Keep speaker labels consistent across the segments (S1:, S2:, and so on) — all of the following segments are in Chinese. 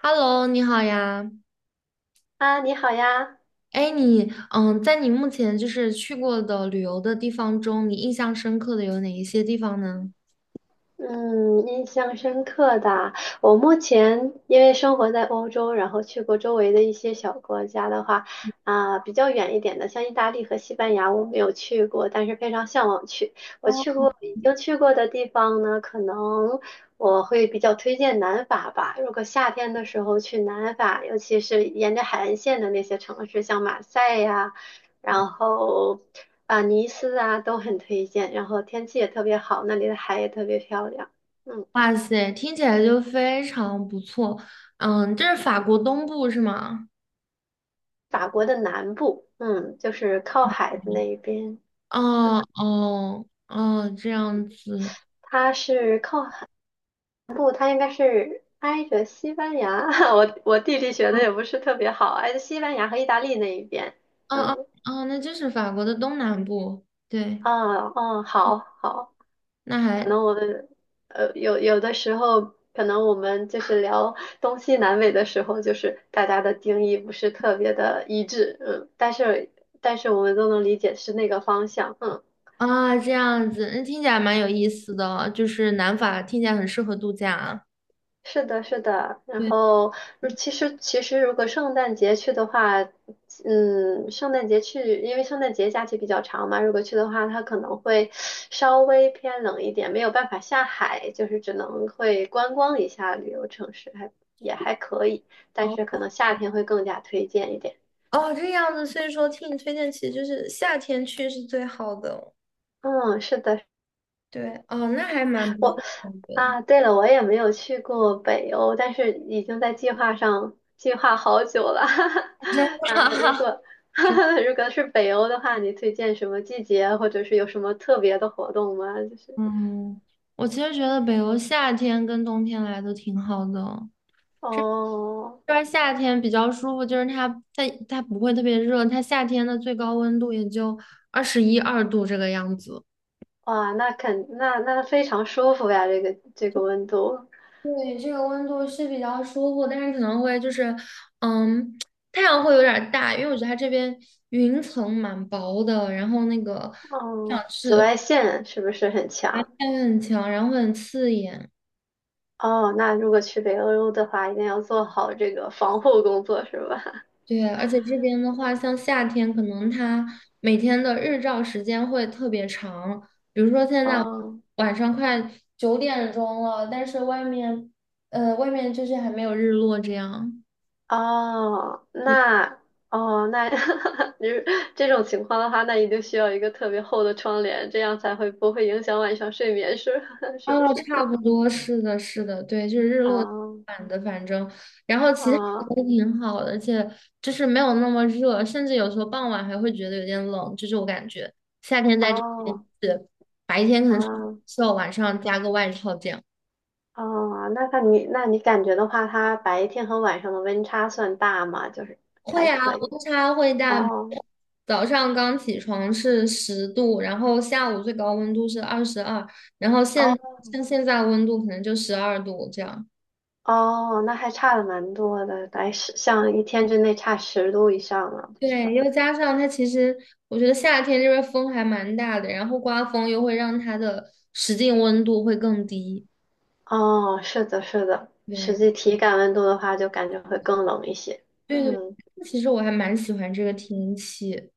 S1: Hello，你好呀。
S2: 啊，你好呀。
S1: 哎，在你目前就是去过的旅游的地方中，你印象深刻的有哪一些地方呢？
S2: 嗯，印象深刻的，我目前因为生活在欧洲，然后去过周围的一些小国家的话，啊，比较远一点的，像意大利和西班牙，我没有去过，但是非常向往去。我去过，已经去过的地方呢，可能我会比较推荐南法吧。如果夏天的时候去南法，尤其是沿着海岸线的那些城市，像马赛呀。然后啊，尼斯啊都很推荐，然后天气也特别好，那里的海也特别漂亮。嗯，
S1: 哇塞，听起来就非常不错。嗯，这是法国东部是吗？
S2: 法国的南部，嗯，就是靠海的那一边，嗯，
S1: 哦哦哦，这样子。
S2: 它是靠海南部，它应该是挨着西班牙。我地理学的也不是特别好，挨着西班牙和意大利那一边。
S1: 哦哦
S2: 嗯，
S1: 哦，那就是法国的东南部。对，
S2: 哦哦，好好。
S1: 那
S2: 可
S1: 还
S2: 能我们有的时候，可能我们就是聊东西南北的时候，就是大家的定义不是特别的一致，嗯，但是但是我们都能理解是那个方向，嗯。
S1: 啊，这样子，那听起来蛮有意思的，就是南法听起来很适合度假啊。
S2: 是的，是的，然
S1: 对。
S2: 后如其实其实如果圣诞节去的话，嗯，圣诞节去，因为圣诞节假期比较长嘛，如果去的话，它可能会稍微偏冷一点，没有办法下海，就是只能会观光一下旅游城市，还也还可以，但是可能
S1: 哦。
S2: 夏天会更加推荐一点。
S1: 哦，这样子，所以说听你推荐，其实就是夏天去是最好的。
S2: 嗯，是的，
S1: 对，哦，那还蛮不错
S2: 我
S1: 的，我觉得
S2: 啊，对了，我也没有去过北欧，但是已经在计划上计划好久了。
S1: 真 的
S2: 啊，如
S1: 啊，
S2: 果
S1: 真
S2: 如果是北欧的话，你推荐什么季节，或者是有什么特别的活动吗？就是
S1: 嗯，我其实觉得北欧夏天跟冬天来都挺好的哦。
S2: 哦，
S1: 这边夏天比较舒服，就是它不会特别热，它夏天的最高温度也就21、22度这个样子。
S2: 哇，那肯那那非常舒服呀，这个这个温度。
S1: 对，这个温度是比较舒服，但是可能会就是，嗯，太阳会有点儿大，因为我觉得它这边云层蛮薄的，然后那个太
S2: 哦，
S1: 阳
S2: 紫
S1: 是
S2: 外线是不是很
S1: 太
S2: 强？
S1: 阳很强，然后会很刺眼。
S2: 哦，那如果去北欧的话，一定要做好这个防护工作，是吧？
S1: 对，而且这边的话，像夏天，可能它每天的日照时间会特别长，比如说现 在
S2: 哦。
S1: 晚上快9点钟了，但是外面，外面就是还没有日落这样。
S2: 哦，
S1: 对。
S2: 那哦，那 你这种情况的话，那你就需要一个特别厚的窗帘，这样才会不会影响晚上睡眠，是 是不
S1: 哦，
S2: 是？
S1: 差不 多，是的，是的，对，就是日落
S2: 哦
S1: 版的，反正，然后其他的
S2: 哦
S1: 都挺好的，而且就是没有那么热，甚至有时候傍晚还会觉得有点冷，就是我感觉夏天在这边
S2: 哦
S1: 是白天可能是
S2: 哦
S1: 袖，晚上加个外套这样。
S2: 哦，那看你你感觉的话，它白天和晚上的温差算大吗？就是
S1: 会
S2: 还
S1: 啊，
S2: 可以。
S1: 温差会大，
S2: 哦
S1: 早上刚起床是10度，然后下午最高温度是22，然后现
S2: 哦
S1: 像现在温度可能就12度这样。
S2: 哦，那还差的蛮多的，来十像一天之内差10度以上了，是吧？
S1: 对，又加上它其实，我觉得夏天这边风还蛮大的，然后刮风又会让它的实际温度会更低。
S2: 哦，是的，是的，实
S1: 对，
S2: 际体感温度的话，就感觉会更冷一些。
S1: 对对，
S2: 嗯，
S1: 其实我还蛮喜欢这个天气。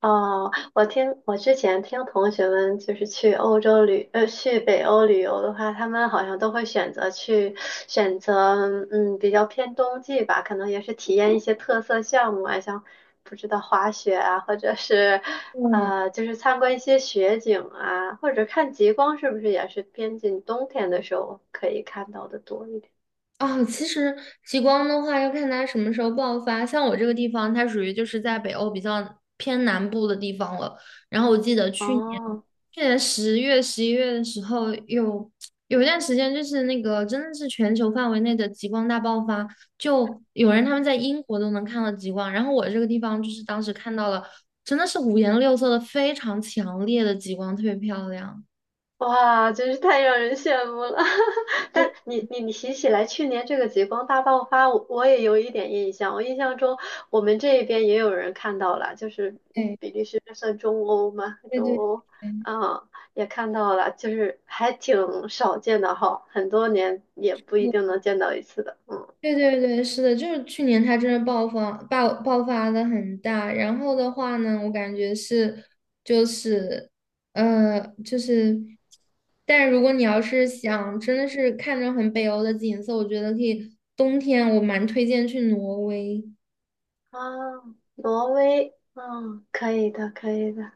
S2: 哦，我听我之前听同学们就是去欧洲旅，去北欧旅游的话，他们好像都会选择去选择，嗯，比较偏冬季吧，可能也是体验一些特色项目啊，像不知道滑雪啊，或者是
S1: 嗯，
S2: 就是参观一些雪景啊，或者看极光，是不是也是偏近冬天的时候可以看到的多一点？
S1: 啊，其实极光的话要看它什么时候爆发。像我这个地方，它属于就是在北欧比较偏南部的地方了。然后我记得去年
S2: 哦。
S1: 去年10月、11月的时候有，有一段时间就是那个真的是全球范围内的极光大爆发，就有人他们在英国都能看到极光，然后我这个地方就是当时看到了，真的是五颜六色的非常强烈的极光，特别漂亮。
S2: 哇，真是太让人羡慕了！但你提起来去年这个极光大爆发，我也有一点印象。我印象中我们这边也有人看到了，就是嗯比
S1: 对
S2: 利时这算中欧吗？
S1: 对
S2: 中
S1: 对，
S2: 欧，
S1: 对
S2: 嗯，也看到了，就是还挺少见的哈，很多年也不一定能见到一次的。嗯。
S1: 对对对，是的，就是去年它真的爆发的很大，然后的话呢，我感觉是就是呃就是，但如果你要是想真的是看着很北欧的景色，我觉得可以冬天我蛮推荐去挪威，
S2: 啊，挪威，嗯，可以的，可以的。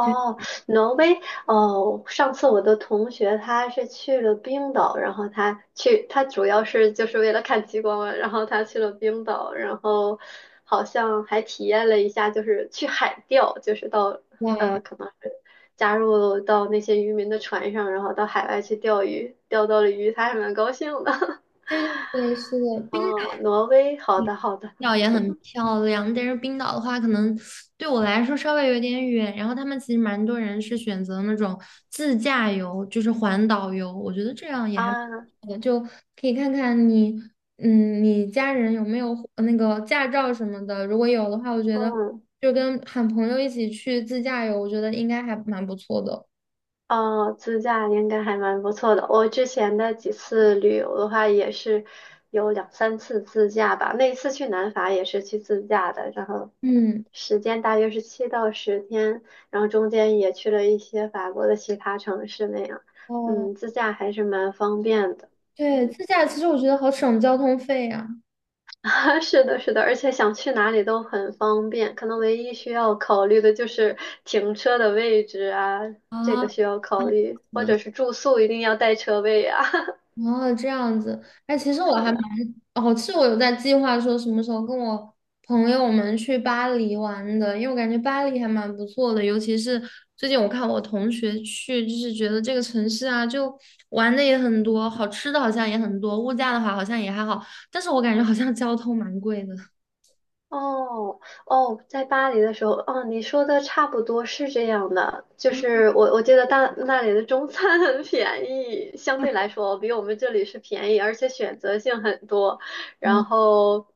S1: 对
S2: 挪威，哦，上次我的同学他是去了冰岛，然后他去，他主要是就是为了看极光嘛然后他去了冰岛，然后好像还体验了一下，就是去海钓，就是到
S1: 哇，
S2: 可能是加入到那些渔民的船上，然后到海外去钓鱼，钓到了鱼，他还蛮高兴的。
S1: 对对对，是的，冰岛。
S2: 哦，挪威，好的，好的，
S1: 岛也很漂亮，但是冰岛的话，可能对我来说稍微有点远。然后他们其实蛮多人是选择那种自驾游，就是环岛游，我觉得这样也还蛮
S2: 啊，
S1: 不错的，就可以看看你，嗯，你家人有没有那个驾照什么的。如果有的话，我觉得
S2: 嗯。
S1: 就跟喊朋友一起去自驾游，我觉得应该还蛮不错的。
S2: 哦，自驾应该还蛮不错的。我之前的几次旅游的话，也是有两三次自驾吧。那一次去南法也是去自驾的，然后
S1: 嗯，
S2: 时间大约是7到10天，然后中间也去了一些法国的其他城市那样。
S1: 哦，
S2: 嗯，自驾还是蛮方便的。
S1: 对，
S2: 嗯。
S1: 自驾其实我觉得好省交通费啊。
S2: 啊，是的，是的，而且想去哪里都很方便，可能唯一需要考虑的就是停车的位置啊，这个
S1: 啊，
S2: 需要考虑，
S1: 是
S2: 或者
S1: 的
S2: 是住宿一定要带车位啊。
S1: 哦，这样子，哎，其实我
S2: 是
S1: 还蛮……
S2: 的。
S1: 哦，是我有在计划说什么时候跟我朋友们去巴黎玩的，因为我感觉巴黎还蛮不错的，尤其是最近我看我同学去，就是觉得这个城市啊，就玩的也很多，好吃的好像也很多，物价的话好像也还好，但是我感觉好像交通蛮贵的。
S2: 哦哦，在巴黎的时候，哦，你说的差不多是这样的，就是我记得大那里的中餐 很便宜，相对来说比我们这里是便宜，而且选择性很多。然
S1: 嗯
S2: 后，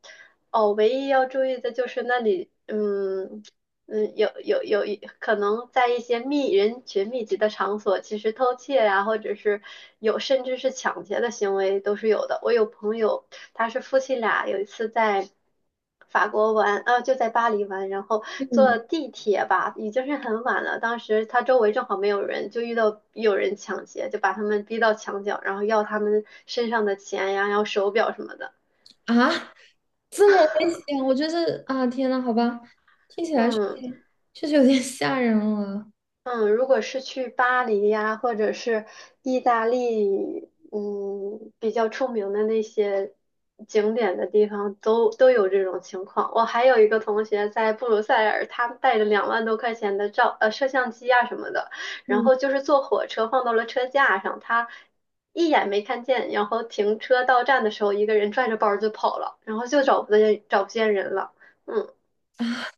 S2: 哦，唯一要注意的就是那里，嗯嗯，有有有一可能在一些密人群密集的场所，其实偷窃呀、或者是有甚至是抢劫的行为都是有的。我有朋友。他是夫妻俩有一次在法国玩，啊，就在巴黎玩，然后坐
S1: 嗯
S2: 地铁吧，已经是很晚了。当时他周围正好没有人，就遇到有人抢劫，就把他们逼到墙角，然后要他们身上的钱呀，要手表什么的。
S1: 啊，这么危险，我觉得啊，天呐，好吧，听起来确
S2: 嗯。
S1: 实确实有点吓人了。
S2: 嗯，如果是去巴黎呀，或者是意大利，嗯，比较出名的那些景点的地方，都有这种情况。我还有一个同学在布鲁塞尔，他带着2万多块钱的照摄像机啊什么的，然
S1: 嗯。
S2: 后就是坐火车放到了车架上，他一眼没看见，然后停车到站的时候，一个人拽着包就跑了，然后就找不见人了。嗯。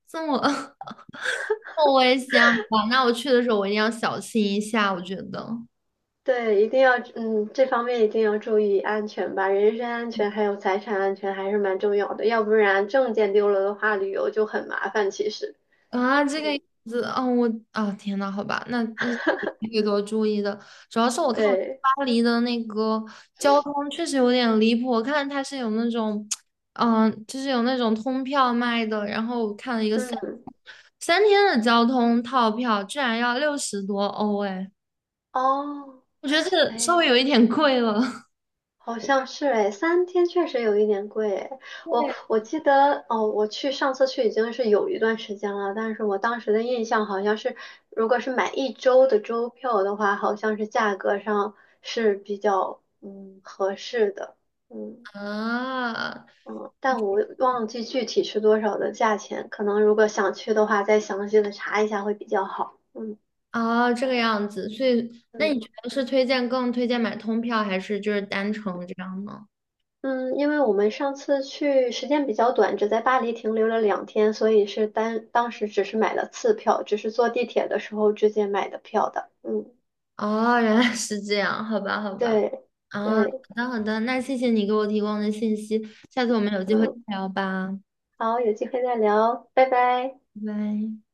S1: 这么 这么危险吧？那我去的时候我一定要小心一下，我觉得
S2: 对，一定要，嗯，这方面一定要注意安全吧，人身安全还有财产安全还是蛮重要的，要不然证件丢了的话，旅游就很麻烦。其实，
S1: 啊，这
S2: 嗯，
S1: 个样子，哦，我啊，天呐，好吧，那就会多注意的。主要是我看我去
S2: 对，
S1: 巴黎的那个交通确实有点离谱，我看它是有那种，就是有那种通票卖的，然后我看了一个三
S2: 嗯，
S1: 三天的交通套票，居然要60多欧，哎，
S2: 哦，
S1: 我觉得这个稍
S2: 哎，
S1: 微有一点贵了。
S2: 好像是哎，三天确实有一点贵哎我
S1: 对
S2: 我记得哦，我去上次去已经是有一段时间了，但是我当时的印象好像是，如果是买一周的周票的话，好像是价格上是比较嗯合适的，嗯。
S1: 啊，
S2: 嗯，但我忘记具体是多少的价钱，可能如果想去的话，再详细的查一下会比较好。嗯
S1: 哦，这个样子，所以那你觉
S2: 嗯
S1: 得是更推荐买通票，还是就是单程这样呢？
S2: 嗯，因为我们上次去时间比较短，只在巴黎停留了2天，所以是单当时只是买了次票，只是坐地铁的时候直接买的票的。嗯，
S1: 哦，原来是这样，好吧，好吧，
S2: 对
S1: 啊，好
S2: 对，
S1: 的好的，那谢谢你给我提供的信息，下次我们有机会再
S2: 嗯，
S1: 聊吧，
S2: 好，有机会再聊，拜拜。
S1: 拜拜。